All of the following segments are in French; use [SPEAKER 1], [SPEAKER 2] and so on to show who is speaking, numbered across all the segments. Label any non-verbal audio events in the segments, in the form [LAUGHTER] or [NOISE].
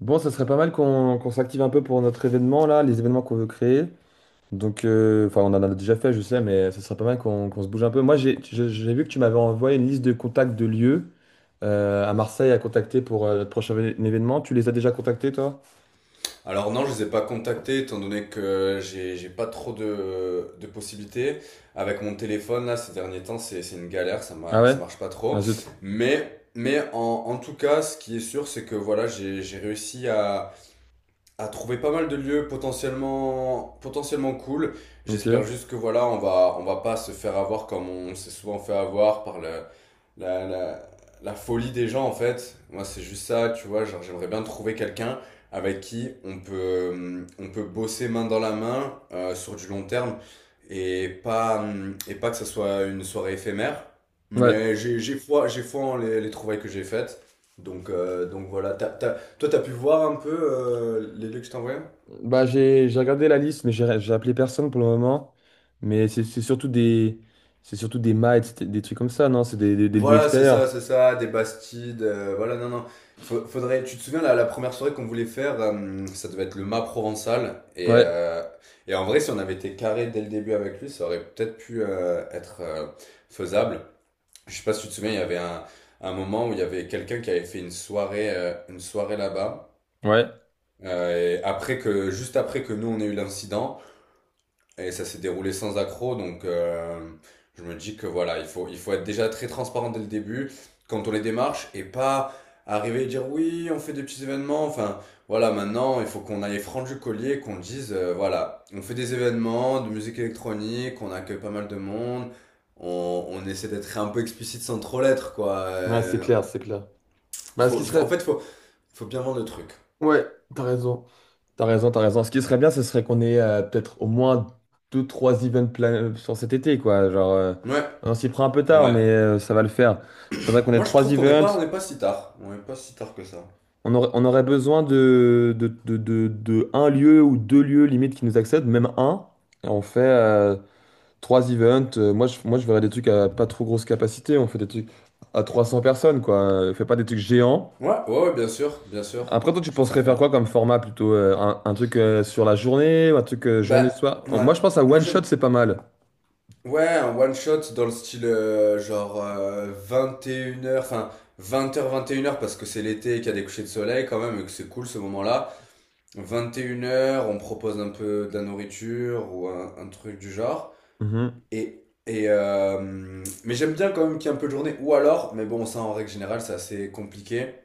[SPEAKER 1] Bon, ça serait pas mal qu'on s'active un peu pour notre événement là, les événements qu'on veut créer. Donc, on en a déjà fait, je sais, mais ça serait pas mal qu'on se bouge un peu. Moi, j'ai vu que tu m'avais envoyé une liste de contacts de lieux à Marseille à contacter pour notre prochain événement. Tu les as déjà contactés, toi?
[SPEAKER 2] Alors non, je les ai pas contactés étant donné que j'ai pas trop de possibilités. Avec mon téléphone, là, ces derniers temps, c'est une galère,
[SPEAKER 1] Ah ouais?
[SPEAKER 2] ça marche pas
[SPEAKER 1] Ah
[SPEAKER 2] trop.
[SPEAKER 1] zut.
[SPEAKER 2] Mais en tout cas, ce qui est sûr, c'est que voilà, j'ai réussi à trouver pas mal de lieux potentiellement, potentiellement cool.
[SPEAKER 1] Ok.
[SPEAKER 2] J'espère juste que voilà, on va pas se faire avoir comme on s'est souvent fait avoir par la, la, la folie des gens en fait. Moi, c'est juste ça, tu vois. Genre, j'aimerais bien trouver quelqu'un avec qui on peut bosser main dans la main sur du long terme et pas que ça soit une soirée éphémère.
[SPEAKER 1] Ouais.
[SPEAKER 2] Mais j'ai foi en les trouvailles que j'ai faites. Donc voilà, toi, t'as pu voir un peu les lieux que je t'envoyais.
[SPEAKER 1] Bah, j'ai regardé la liste, mais j'ai appelé personne pour le moment. Mais c'est surtout des c'est surtout des mites, des trucs comme ça, non? C'est des, des lieux
[SPEAKER 2] Voilà,
[SPEAKER 1] extérieurs.
[SPEAKER 2] c'est ça, des Bastides, voilà, non, non. Faudrait, tu te souviens, la première soirée qu'on voulait faire, ça devait être le mât provençal. Et,
[SPEAKER 1] Ouais.
[SPEAKER 2] euh, et en vrai, si on avait été carré dès le début avec lui, ça aurait peut-être pu être faisable. Je sais pas si tu te souviens, il y avait un moment où il y avait quelqu'un qui avait fait une soirée là-bas.
[SPEAKER 1] Ouais.
[SPEAKER 2] Et juste après que nous, on ait eu l'incident. Et ça s'est déroulé sans accroc, donc je me dis que voilà, il faut être déjà très transparent dès le début quand on les démarche et pas arriver et dire oui, on fait des petits événements. Enfin, voilà, maintenant, il faut qu'on aille franc du collier, qu'on dise voilà, on fait des événements de musique électronique, on accueille pas mal de monde, on essaie d'être un peu explicite sans trop l'être, quoi.
[SPEAKER 1] Ouais, c'est clair, c'est clair. Bah, ce qui
[SPEAKER 2] Il faut, en
[SPEAKER 1] serait.
[SPEAKER 2] fait, il faut bien vendre le truc.
[SPEAKER 1] Ouais, t'as raison. T'as raison, t'as raison. Ce qui serait bien, ce serait qu'on ait peut-être au moins deux, trois events plan sur cet été, quoi. Genre,
[SPEAKER 2] Ouais,
[SPEAKER 1] on s'y prend un peu tard,
[SPEAKER 2] ouais.
[SPEAKER 1] mais ça va le faire. Faudrait qu'on ait
[SPEAKER 2] Moi, je
[SPEAKER 1] trois
[SPEAKER 2] trouve qu'on n'est pas,
[SPEAKER 1] events.
[SPEAKER 2] on n'est pas si tard. On n'est pas si tard que ça.
[SPEAKER 1] On aurait besoin de un lieu ou deux lieux limite qui nous accèdent, même un. Et on fait trois events. Moi, je verrais des trucs à pas trop grosse capacité. On fait des trucs à 300 personnes, quoi. Fais pas des trucs géants.
[SPEAKER 2] Ouais, ouais, ouais, bien sûr,
[SPEAKER 1] Après, toi, tu
[SPEAKER 2] je
[SPEAKER 1] penserais faire
[SPEAKER 2] préfère.
[SPEAKER 1] quoi comme format plutôt? Un truc sur la journée ou un truc
[SPEAKER 2] Bah,
[SPEAKER 1] journée-soir?
[SPEAKER 2] ouais,
[SPEAKER 1] Moi, je pense à
[SPEAKER 2] moi
[SPEAKER 1] one shot,
[SPEAKER 2] j'aime.
[SPEAKER 1] c'est pas mal.
[SPEAKER 2] Ouais, un one shot dans le style genre 21 heures, enfin 20 heures, 21 heures, parce que c'est l'été et qu'il y a des couchers de soleil quand même et que c'est cool ce moment-là. 21 heures, on propose un peu de la nourriture ou un truc du genre.
[SPEAKER 1] Mhm.
[SPEAKER 2] Mais j'aime bien quand même qu'il y ait un peu de journée. Ou alors, mais bon, ça en règle générale, c'est assez compliqué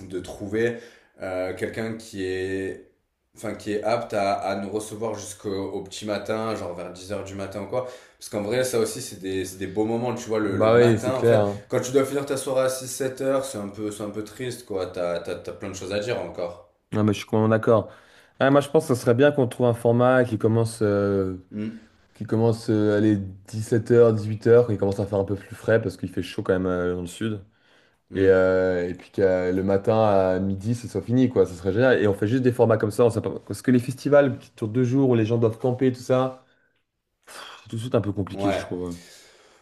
[SPEAKER 2] de trouver quelqu'un enfin, qui est apte à nous recevoir jusqu'au au petit matin, genre vers 10 heures du matin ou quoi. Parce qu'en vrai, ça aussi, c'est des beaux moments, tu vois, le
[SPEAKER 1] Bah oui, c'est
[SPEAKER 2] matin, en
[SPEAKER 1] clair,
[SPEAKER 2] fait.
[SPEAKER 1] hein.
[SPEAKER 2] Quand tu dois finir ta soirée à six sept heures, c'est un peu triste, quoi. T'as plein de choses à dire encore.
[SPEAKER 1] Ah, mais je suis complètement d'accord. Ah, moi, je pense que ce serait bien qu'on trouve un format
[SPEAKER 2] Hmm,
[SPEAKER 1] qui commence 17h, 18h, qui commence à faire un peu plus frais parce qu'il fait chaud quand même dans le sud.
[SPEAKER 2] hmm.
[SPEAKER 1] Et puis que le matin à midi, ce soit fini, quoi. Ce serait génial. Et on fait juste des formats comme ça. On sait pas. Parce que les festivals qui durent deux jours où les gens doivent camper, tout ça, c'est tout de suite un peu compliqué, je
[SPEAKER 2] Ouais.
[SPEAKER 1] trouve.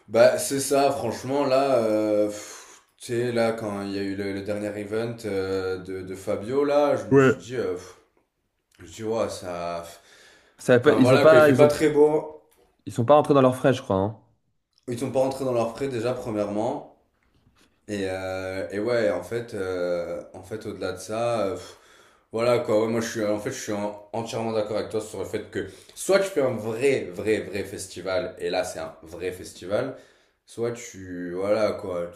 [SPEAKER 2] Bah, c'est ça, franchement, là, tu sais, là, quand il y a eu le dernier event de Fabio, là, je me suis
[SPEAKER 1] Ouais.
[SPEAKER 2] dit. Tu vois, ça.
[SPEAKER 1] Ça va pas-
[SPEAKER 2] Enfin voilà, quoi, il fait pas très beau.
[SPEAKER 1] ils sont pas rentrés dans leurs frais, je crois, hein.
[SPEAKER 2] Ils sont pas rentrés dans leurs frais déjà, premièrement. Et ouais, en fait au-delà de ça, voilà quoi. Ouais, moi, en fait, je suis entièrement d'accord avec toi sur le fait que soit tu fais un vrai, vrai, vrai festival, et là, c'est un vrai festival, soit tu. Voilà quoi.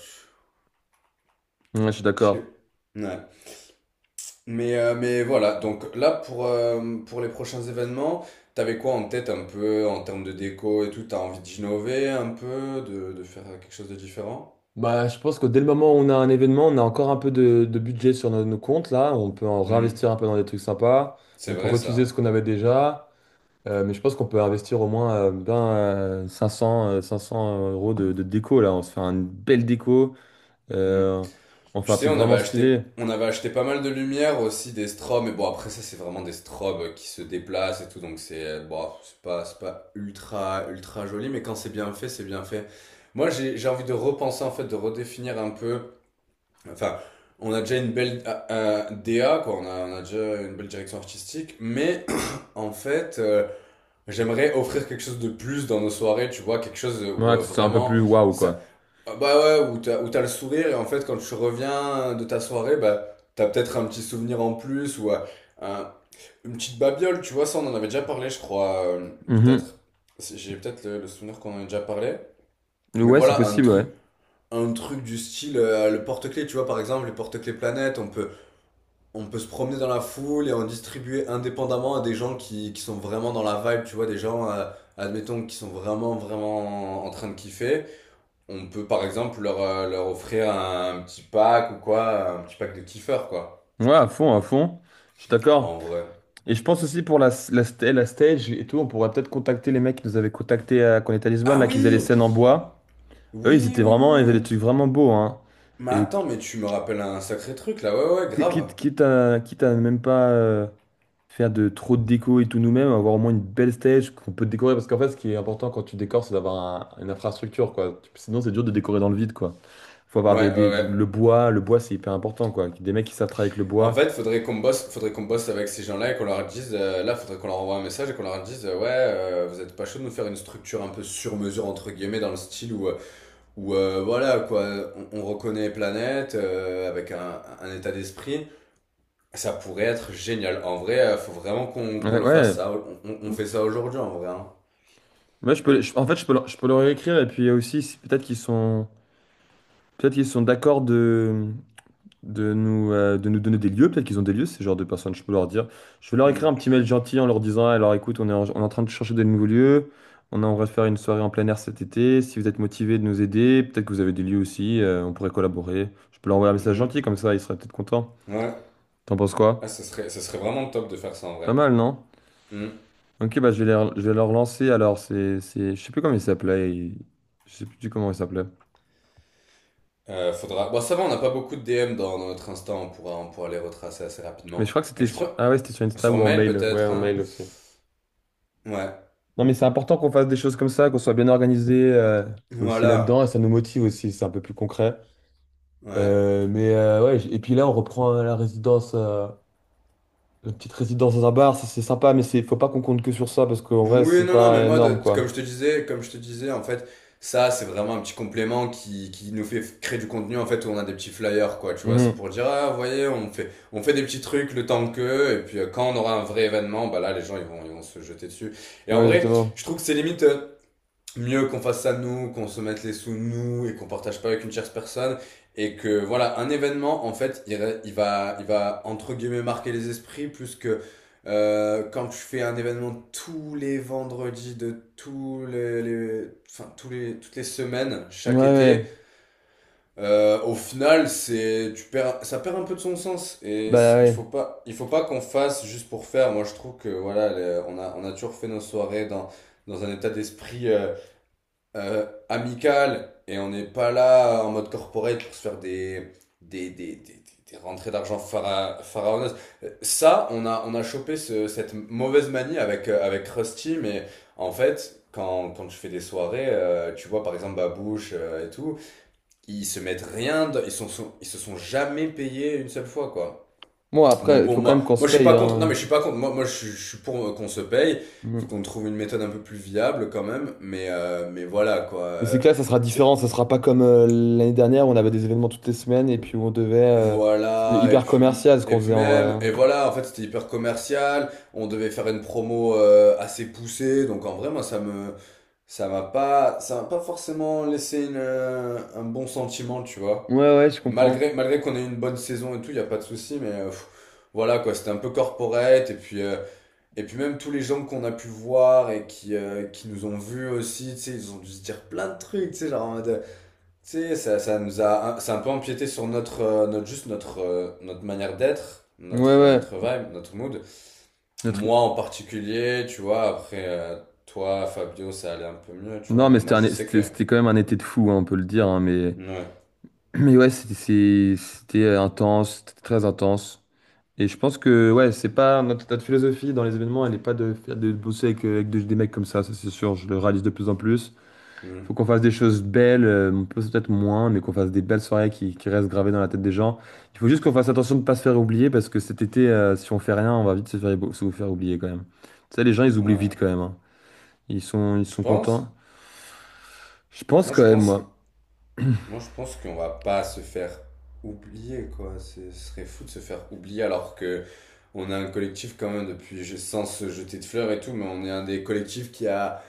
[SPEAKER 1] Ouais, je suis
[SPEAKER 2] Tu...
[SPEAKER 1] d'accord.
[SPEAKER 2] tu- Ouais. Mais voilà, donc là pour les prochains événements, t'avais quoi en tête un peu en termes de déco et tout? T'as envie d'innover un peu, de faire quelque chose de différent?
[SPEAKER 1] Bah, je pense que dès le moment où on a un événement, on a encore un peu de budget sur nos comptes là. On peut en
[SPEAKER 2] Hmm,
[SPEAKER 1] réinvestir un peu dans des trucs sympas.
[SPEAKER 2] c'est
[SPEAKER 1] On peut
[SPEAKER 2] vrai
[SPEAKER 1] réutiliser ce
[SPEAKER 2] ça.
[SPEAKER 1] qu'on avait déjà. Mais je pense qu'on peut investir au moins 500 euros de déco là. On se fait une belle déco.
[SPEAKER 2] Hmm.
[SPEAKER 1] Euh, on fait
[SPEAKER 2] Tu
[SPEAKER 1] un
[SPEAKER 2] sais,
[SPEAKER 1] truc
[SPEAKER 2] on avait
[SPEAKER 1] vraiment
[SPEAKER 2] acheté,
[SPEAKER 1] stylé.
[SPEAKER 2] on avait acheté pas mal de lumière aussi, des strobes, mais bon après ça c'est vraiment des strobes qui se déplacent et tout, donc c'est bon, c'est pas ultra ultra joli, mais quand c'est bien fait, c'est bien fait. Moi j'ai envie de repenser en fait, de redéfinir un peu. Enfin, on a déjà une belle DA, quoi. On a déjà une belle direction artistique. Mais [COUGHS] [CLEARS THROAT] en fait, j'aimerais offrir quelque chose de plus dans nos soirées, tu vois, quelque chose où
[SPEAKER 1] Ouais, que ce soit un peu
[SPEAKER 2] vraiment.
[SPEAKER 1] plus waouh
[SPEAKER 2] Ça,
[SPEAKER 1] quoi.
[SPEAKER 2] ah, bah ouais, où t'as le sourire et en fait, quand tu reviens de ta soirée, bah, t'as peut-être un petit souvenir en plus ou un- une petite babiole, tu vois. Ça, on en avait déjà parlé, je crois,
[SPEAKER 1] Mhm.
[SPEAKER 2] peut-être. J'ai peut-être le souvenir qu'on en a déjà parlé. Mais
[SPEAKER 1] Ouais, c'est
[SPEAKER 2] voilà, un
[SPEAKER 1] possible, ouais.
[SPEAKER 2] truc un truc du style le porte-clés, tu vois, par exemple, les porte-clés planète, on peut se promener dans la foule et en distribuer indépendamment à des gens qui sont vraiment dans la vibe, tu vois, des gens, admettons, qui sont vraiment, vraiment en train de kiffer. On peut, par exemple, leur offrir un petit pack ou quoi, un petit pack de kiffeurs, quoi,
[SPEAKER 1] Ouais, à fond, à fond. Je suis d'accord.
[SPEAKER 2] en vrai.
[SPEAKER 1] Et je pense aussi pour la stage et tout, on pourrait peut-être contacter les mecs qui nous avaient contactés quand on était à Lisbonne,
[SPEAKER 2] Ah
[SPEAKER 1] là, qui faisaient les
[SPEAKER 2] oui.
[SPEAKER 1] scènes en bois. Eux, ils
[SPEAKER 2] Oui,
[SPEAKER 1] étaient
[SPEAKER 2] oui, oui,
[SPEAKER 1] vraiment, ils
[SPEAKER 2] oui,
[SPEAKER 1] avaient
[SPEAKER 2] oui.
[SPEAKER 1] des trucs vraiment beaux, hein.
[SPEAKER 2] Mais
[SPEAKER 1] Et
[SPEAKER 2] attends, mais tu me rappelles un sacré truc, là, ouais, ouais, grave.
[SPEAKER 1] quitte à même pas faire de trop de déco et tout nous-mêmes, avoir au moins une belle stage qu'on peut décorer. Parce qu'en fait, ce qui est important quand tu décores, c'est d'avoir un- une infrastructure, quoi. Sinon, c'est dur de décorer dans le vide, quoi. Faut
[SPEAKER 2] Ouais,
[SPEAKER 1] avoir
[SPEAKER 2] ouais, ouais.
[SPEAKER 1] le bois, c'est hyper important, quoi. Des mecs qui savent travailler avec le
[SPEAKER 2] En
[SPEAKER 1] bois.
[SPEAKER 2] fait, faudrait qu'on bosse avec ces gens-là et qu'on leur dise, là, faudrait qu'on leur envoie un message et qu'on leur dise, vous êtes pas chaud de nous faire une structure un peu sur mesure entre guillemets dans le style où, voilà quoi, on reconnaît Planète avec un état d'esprit. Ça pourrait être génial. En vrai, faut vraiment qu'on
[SPEAKER 1] Ouais,
[SPEAKER 2] le
[SPEAKER 1] ouais.
[SPEAKER 2] fasse ça. On fait ça aujourd'hui en vrai, hein.
[SPEAKER 1] Moi, je peux, je peux leur écrire et puis aussi, si- peut-être qu'ils sont. Peut-être qu'ils sont d'accord de nous donner des lieux. Peut-être qu'ils ont des lieux, ces genres de personnes. Je peux leur dire. Je vais leur écrire un
[SPEAKER 2] Mm.
[SPEAKER 1] petit mail gentil en leur disant, alors écoute, on est en train de chercher des nouveaux lieux. On aimerait faire une soirée en plein air cet été. Si vous êtes motivé de nous aider, peut-être que vous avez des lieux aussi. On pourrait collaborer. Je peux leur envoyer un message
[SPEAKER 2] Mhm.
[SPEAKER 1] gentil, comme ça, ils seraient peut-être contents.
[SPEAKER 2] Ouais.
[SPEAKER 1] T'en penses
[SPEAKER 2] Ah,
[SPEAKER 1] quoi?
[SPEAKER 2] ce serait vraiment top de faire ça en
[SPEAKER 1] Pas
[SPEAKER 2] vrai.
[SPEAKER 1] mal, non?
[SPEAKER 2] Mm.
[SPEAKER 1] Ok, bah je vais leur lancer. Alors, je sais plus comment il s'appelait. Ils- Je sais plus du comment il s'appelait.
[SPEAKER 2] Bon, ça va, on n'a pas beaucoup de DM dans notre Insta, on pourra les retracer assez
[SPEAKER 1] Mais je crois
[SPEAKER 2] rapidement.
[SPEAKER 1] que c'était
[SPEAKER 2] Et je
[SPEAKER 1] sur... Ah
[SPEAKER 2] crois...
[SPEAKER 1] ouais, c'était sur Insta
[SPEAKER 2] Sur
[SPEAKER 1] ou en
[SPEAKER 2] mail
[SPEAKER 1] mail. Ouais,
[SPEAKER 2] peut-être,
[SPEAKER 1] en
[SPEAKER 2] hein.
[SPEAKER 1] mail aussi.
[SPEAKER 2] Ouais.
[SPEAKER 1] Non, mais c'est important qu'on fasse des choses comme ça, qu'on soit bien organisé aussi là-dedans, et
[SPEAKER 2] Voilà.
[SPEAKER 1] ça nous motive aussi, c'est un peu plus concret.
[SPEAKER 2] Ouais.
[SPEAKER 1] Ouais, j- et puis là, on reprend la résidence, la petite résidence dans un bar, ça, c'est sympa, mais c'est, faut pas qu'on compte que sur ça, parce qu'en vrai,
[SPEAKER 2] Oui,
[SPEAKER 1] c'est
[SPEAKER 2] non, non, mais
[SPEAKER 1] pas
[SPEAKER 2] moi,
[SPEAKER 1] énorme,
[SPEAKER 2] de-
[SPEAKER 1] quoi.
[SPEAKER 2] comme je te disais, comme je te disais, en fait, ça, c'est vraiment un petit complément qui nous fait créer du contenu, en fait, où on a des petits flyers, quoi, tu vois, c'est
[SPEAKER 1] Mhm.
[SPEAKER 2] pour dire, ah, vous voyez, on fait des petits trucs le temps que, et puis quand on aura un vrai événement, bah là, les gens, ils vont se jeter dessus. Et en
[SPEAKER 1] Ouais,
[SPEAKER 2] vrai,
[SPEAKER 1] exactement.
[SPEAKER 2] je trouve que c'est limite, mieux qu'on fasse ça nous, qu'on se mette les sous nous et qu'on partage pas avec une tierce personne, et que voilà, un événement en fait il va entre guillemets marquer les esprits plus que quand je fais un événement tous les vendredis de tous les toutes les semaines
[SPEAKER 1] Ouais,
[SPEAKER 2] chaque été.
[SPEAKER 1] ouais.
[SPEAKER 2] Au final, c'est tu perds ça perd un peu de son sens. Et
[SPEAKER 1] Bah
[SPEAKER 2] il
[SPEAKER 1] ouais.
[SPEAKER 2] faut pas il faut pas qu'on fasse juste pour faire. Moi je trouve que voilà, on a toujours fait nos soirées dans un état d'esprit amical, et on n'est pas là en mode corporate pour se faire des, des, des, des rentrées d'argent pharaoneuses. Ça, on a chopé cette mauvaise manie avec Krusty, mais en fait, quand je fais des soirées, tu vois, par exemple, Babouche et tout, ils se mettent rien, ils se sont jamais payés une seule fois, quoi.
[SPEAKER 1] Bon, après,
[SPEAKER 2] Donc
[SPEAKER 1] il
[SPEAKER 2] bon,
[SPEAKER 1] faut quand même
[SPEAKER 2] moi,
[SPEAKER 1] qu'on se
[SPEAKER 2] moi je suis
[SPEAKER 1] paye,
[SPEAKER 2] pas contre. Non,
[SPEAKER 1] hein.
[SPEAKER 2] mais je suis pas contre. Moi je suis pour qu'on se paye. Faut
[SPEAKER 1] Mhm.
[SPEAKER 2] qu'on trouve une méthode un peu plus viable quand même. Mais voilà quoi.
[SPEAKER 1] Mais c'est que là, ça sera
[SPEAKER 2] C'est-
[SPEAKER 1] différent, ça sera pas comme l'année dernière, où on avait des événements toutes les semaines, et puis où on devait... C'était
[SPEAKER 2] Voilà. Et
[SPEAKER 1] hyper
[SPEAKER 2] puis,
[SPEAKER 1] commercial, ce
[SPEAKER 2] et
[SPEAKER 1] qu'on
[SPEAKER 2] puis
[SPEAKER 1] faisait en vrai,
[SPEAKER 2] même.
[SPEAKER 1] hein.
[SPEAKER 2] Et voilà. En fait, c'était hyper commercial. On devait faire une promo assez poussée. Donc en vrai, moi, ça m'a pas forcément laissé un bon sentiment, tu vois.
[SPEAKER 1] Ouais, ouais, je comprends.
[SPEAKER 2] Malgré qu'on ait eu une bonne saison et tout, il y a pas de souci. Mais voilà quoi. C'était un peu corporate. Et puis même tous les gens qu'on a pu voir et qui nous ont vus aussi, tu sais, ils ont dû se dire plein de trucs, tu sais, genre en mode... Tu sais, ça a un peu empiété sur notre... notre manière d'être,
[SPEAKER 1] Ouais, ouais.
[SPEAKER 2] notre vibe, notre mood.
[SPEAKER 1] Notre-
[SPEAKER 2] Moi en particulier, tu vois, après... toi, Fabio, ça allait un peu mieux, tu vois,
[SPEAKER 1] Non,
[SPEAKER 2] mais
[SPEAKER 1] mais c'était
[SPEAKER 2] moi
[SPEAKER 1] un...
[SPEAKER 2] je
[SPEAKER 1] é-
[SPEAKER 2] sais que...
[SPEAKER 1] c'était quand même un été de fou, hein, on peut le dire, hein, mais...
[SPEAKER 2] Ouais.
[SPEAKER 1] [CLEARS THROAT] mais ouais, c'était intense, c'était très intense. Et je pense que ouais, c'est pas notre philosophie dans les événements, elle n'est pas de, faire- de bosser avec, avec de- des mecs comme ça c'est sûr, je le réalise de plus en plus.
[SPEAKER 2] Mm.
[SPEAKER 1] Faut qu'on fasse des choses belles, on peut peut-être moins, mais qu'on fasse des belles soirées qui restent gravées dans la tête des gens. Il faut juste qu'on fasse attention de ne pas se faire oublier parce que cet été, si on fait rien, on va vite se faire oublier quand même. Tu sais, les gens, ils oublient vite
[SPEAKER 2] Ouais.
[SPEAKER 1] quand même, hein. Ils
[SPEAKER 2] Tu
[SPEAKER 1] sont
[SPEAKER 2] penses?
[SPEAKER 1] contents. Je pense
[SPEAKER 2] Moi
[SPEAKER 1] quand
[SPEAKER 2] je
[SPEAKER 1] même,
[SPEAKER 2] pense
[SPEAKER 1] moi.
[SPEAKER 2] Moi, je pense qu'on va pas se faire oublier, quoi. Ce serait fou de se faire oublier alors que on a un collectif quand même depuis, sans se jeter de fleurs et tout, mais on est un des collectifs qui a,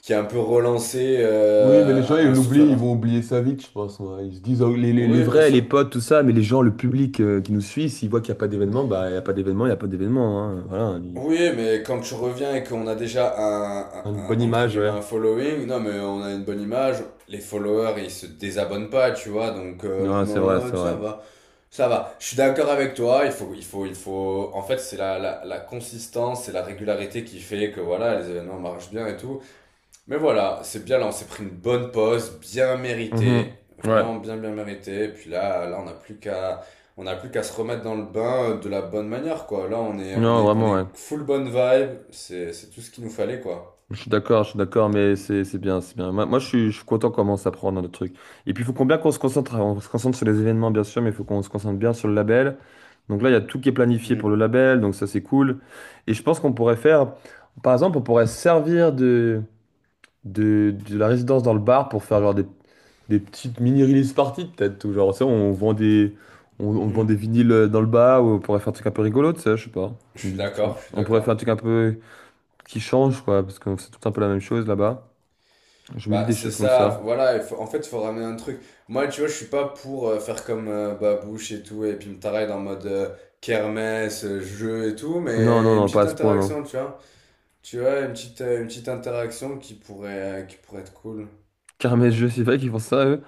[SPEAKER 2] qui a un peu relancé
[SPEAKER 1] Oui, mais les gens, ils
[SPEAKER 2] un souffle à
[SPEAKER 1] l'oublient, ils
[SPEAKER 2] Marseille.
[SPEAKER 1] vont oublier ça vite, je pense, ouais. Ils se disent, oh, les
[SPEAKER 2] Oui, bien
[SPEAKER 1] vrais, les
[SPEAKER 2] sûr.
[SPEAKER 1] potes, tout ça, mais les gens, le public qui nous suit, s'ils voient qu'il n'y a pas d'événement, bah, il n'y a pas d'événement, il n'y a pas d'événement, hein. Voilà,
[SPEAKER 2] Oui, mais quand tu reviens et qu'on a déjà
[SPEAKER 1] une bonne
[SPEAKER 2] entre
[SPEAKER 1] image,
[SPEAKER 2] guillemets,
[SPEAKER 1] ouais.
[SPEAKER 2] un following, non, mais on a une bonne image, les followers, ils se désabonnent pas, tu vois, donc l'un
[SPEAKER 1] Non, c'est
[SPEAKER 2] dans
[SPEAKER 1] vrai, c'est
[SPEAKER 2] l'autre, ça
[SPEAKER 1] vrai.
[SPEAKER 2] va. Ça va, je suis d'accord avec toi, En fait, c'est la consistance et la régularité qui fait que voilà, les événements marchent bien et tout. Mais voilà, c'est bien là, on s'est pris une bonne pause, bien méritée,
[SPEAKER 1] Mhm. Ouais.
[SPEAKER 2] vraiment bien bien méritée. Et puis on n'a plus qu'à se remettre dans le bain de la bonne manière, quoi. Là, on est, on
[SPEAKER 1] Non,
[SPEAKER 2] est, on
[SPEAKER 1] vraiment, ouais.
[SPEAKER 2] est full bonne vibe, c'est tout ce qu'il nous fallait, quoi.
[SPEAKER 1] Je suis d'accord, mais c'est bien, c'est bien. Je suis content comment ça prend dans le truc. Et puis, il faut qu'on se concentre, on se concentre sur les événements, bien sûr, mais il faut qu'on se concentre bien sur le label. Donc là, il y a tout qui est planifié pour le
[SPEAKER 2] Mm,
[SPEAKER 1] label, donc ça, c'est cool. Et je pense qu'on pourrait faire, par exemple, on pourrait servir de la résidence dans le bar pour faire genre des petites mini-release parties, peut-être, ou genre, tu sais, on vend on vend des
[SPEAKER 2] mm.
[SPEAKER 1] vinyles dans le bar, ou on pourrait faire un truc un peu rigolo, tu sais, je sais pas.
[SPEAKER 2] Je
[SPEAKER 1] On
[SPEAKER 2] suis
[SPEAKER 1] dit des trucs comme-
[SPEAKER 2] d'accord, je suis
[SPEAKER 1] on pourrait faire un
[SPEAKER 2] d'accord.
[SPEAKER 1] truc un peu qui change, quoi, parce que c'est tout un peu la même chose là-bas. Je me dis
[SPEAKER 2] Bah,
[SPEAKER 1] des
[SPEAKER 2] c'est
[SPEAKER 1] choses comme
[SPEAKER 2] ça,
[SPEAKER 1] ça.
[SPEAKER 2] voilà, en fait, il faut ramener un truc. Moi, tu vois, je suis pas pour faire comme Babouche et tout, et puis me tarer en mode kermesse, jeu et tout,
[SPEAKER 1] Non, non,
[SPEAKER 2] mais une
[SPEAKER 1] non, pas à
[SPEAKER 2] petite
[SPEAKER 1] ce point, non.
[SPEAKER 2] interaction, tu vois. Tu vois, une petite interaction qui pourrait être cool.
[SPEAKER 1] Caramel jeux c'est vrai qu'ils font ça, eux.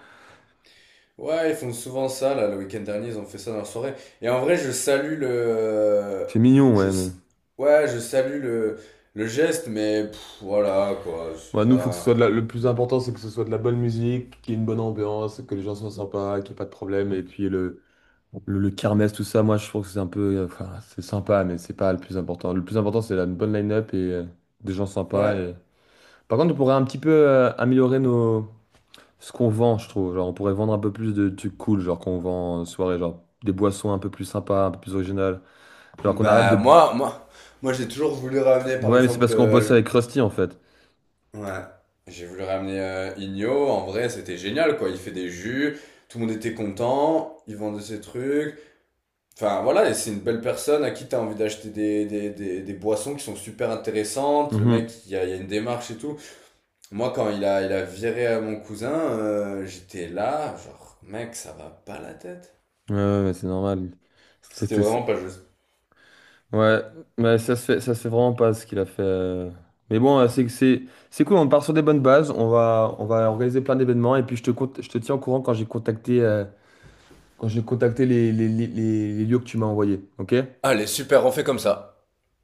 [SPEAKER 2] Ouais, ils font souvent ça, là, le week-end dernier, ils ont fait ça dans la soirée. Et en vrai, je salue le...
[SPEAKER 1] C'est mignon,
[SPEAKER 2] Je...
[SPEAKER 1] ouais, mais.
[SPEAKER 2] s- Ouais, je salue le geste, mais voilà, quoi, c'est
[SPEAKER 1] Bah, nous, faut que ce soit de
[SPEAKER 2] pas...
[SPEAKER 1] la- le plus important, c'est que ce soit de la bonne musique, qu'il y ait une bonne ambiance, que les gens soient sympas, qu'il n'y ait pas de problème. Et puis le kermesse, tout ça, moi, je trouve que c'est un peu. Enfin, c'est sympa, mais c'est pas le plus important. Le plus important, c'est la une bonne line-up et des gens sympas.
[SPEAKER 2] Ouais.
[SPEAKER 1] Et... Par contre, on pourrait un petit peu améliorer ce qu'on vend, je trouve. Genre, on pourrait vendre un peu plus de trucs cool, genre qu'on vend en soirée, genre des boissons un peu plus sympas, un peu plus originales. Genre qu'on arrête
[SPEAKER 2] Bah,
[SPEAKER 1] de.
[SPEAKER 2] moi j'ai toujours voulu ramener, par
[SPEAKER 1] Ouais, mais c'est
[SPEAKER 2] exemple.
[SPEAKER 1] parce qu'on bosse avec Krusty en fait.
[SPEAKER 2] Ouais. J'ai voulu ramener Igno. En vrai, c'était génial, quoi. Il fait des jus, tout le monde était content, il vendait ses trucs. Enfin, voilà, et c'est une belle personne à qui t'as envie d'acheter des boissons qui sont super intéressantes. Le mec,
[SPEAKER 1] Mhm.
[SPEAKER 2] il y a une démarche et tout. Moi, quand il a viré à mon cousin, j'étais là, genre, mec, ça va pas la tête.
[SPEAKER 1] Ouais, ouais, mais c'est normal.
[SPEAKER 2] C'était
[SPEAKER 1] C'était.
[SPEAKER 2] vraiment
[SPEAKER 1] C'est-
[SPEAKER 2] pas juste.
[SPEAKER 1] Ouais, mais ça se fait vraiment pas ce qu'il a fait. Mais bon, c'est que c'est cool, on part sur des bonnes bases, on va organiser plein d'événements et puis je te tiens au courant quand j'ai contacté les lieux que tu m'as envoyés, ok?
[SPEAKER 2] Allez, super, on fait comme ça.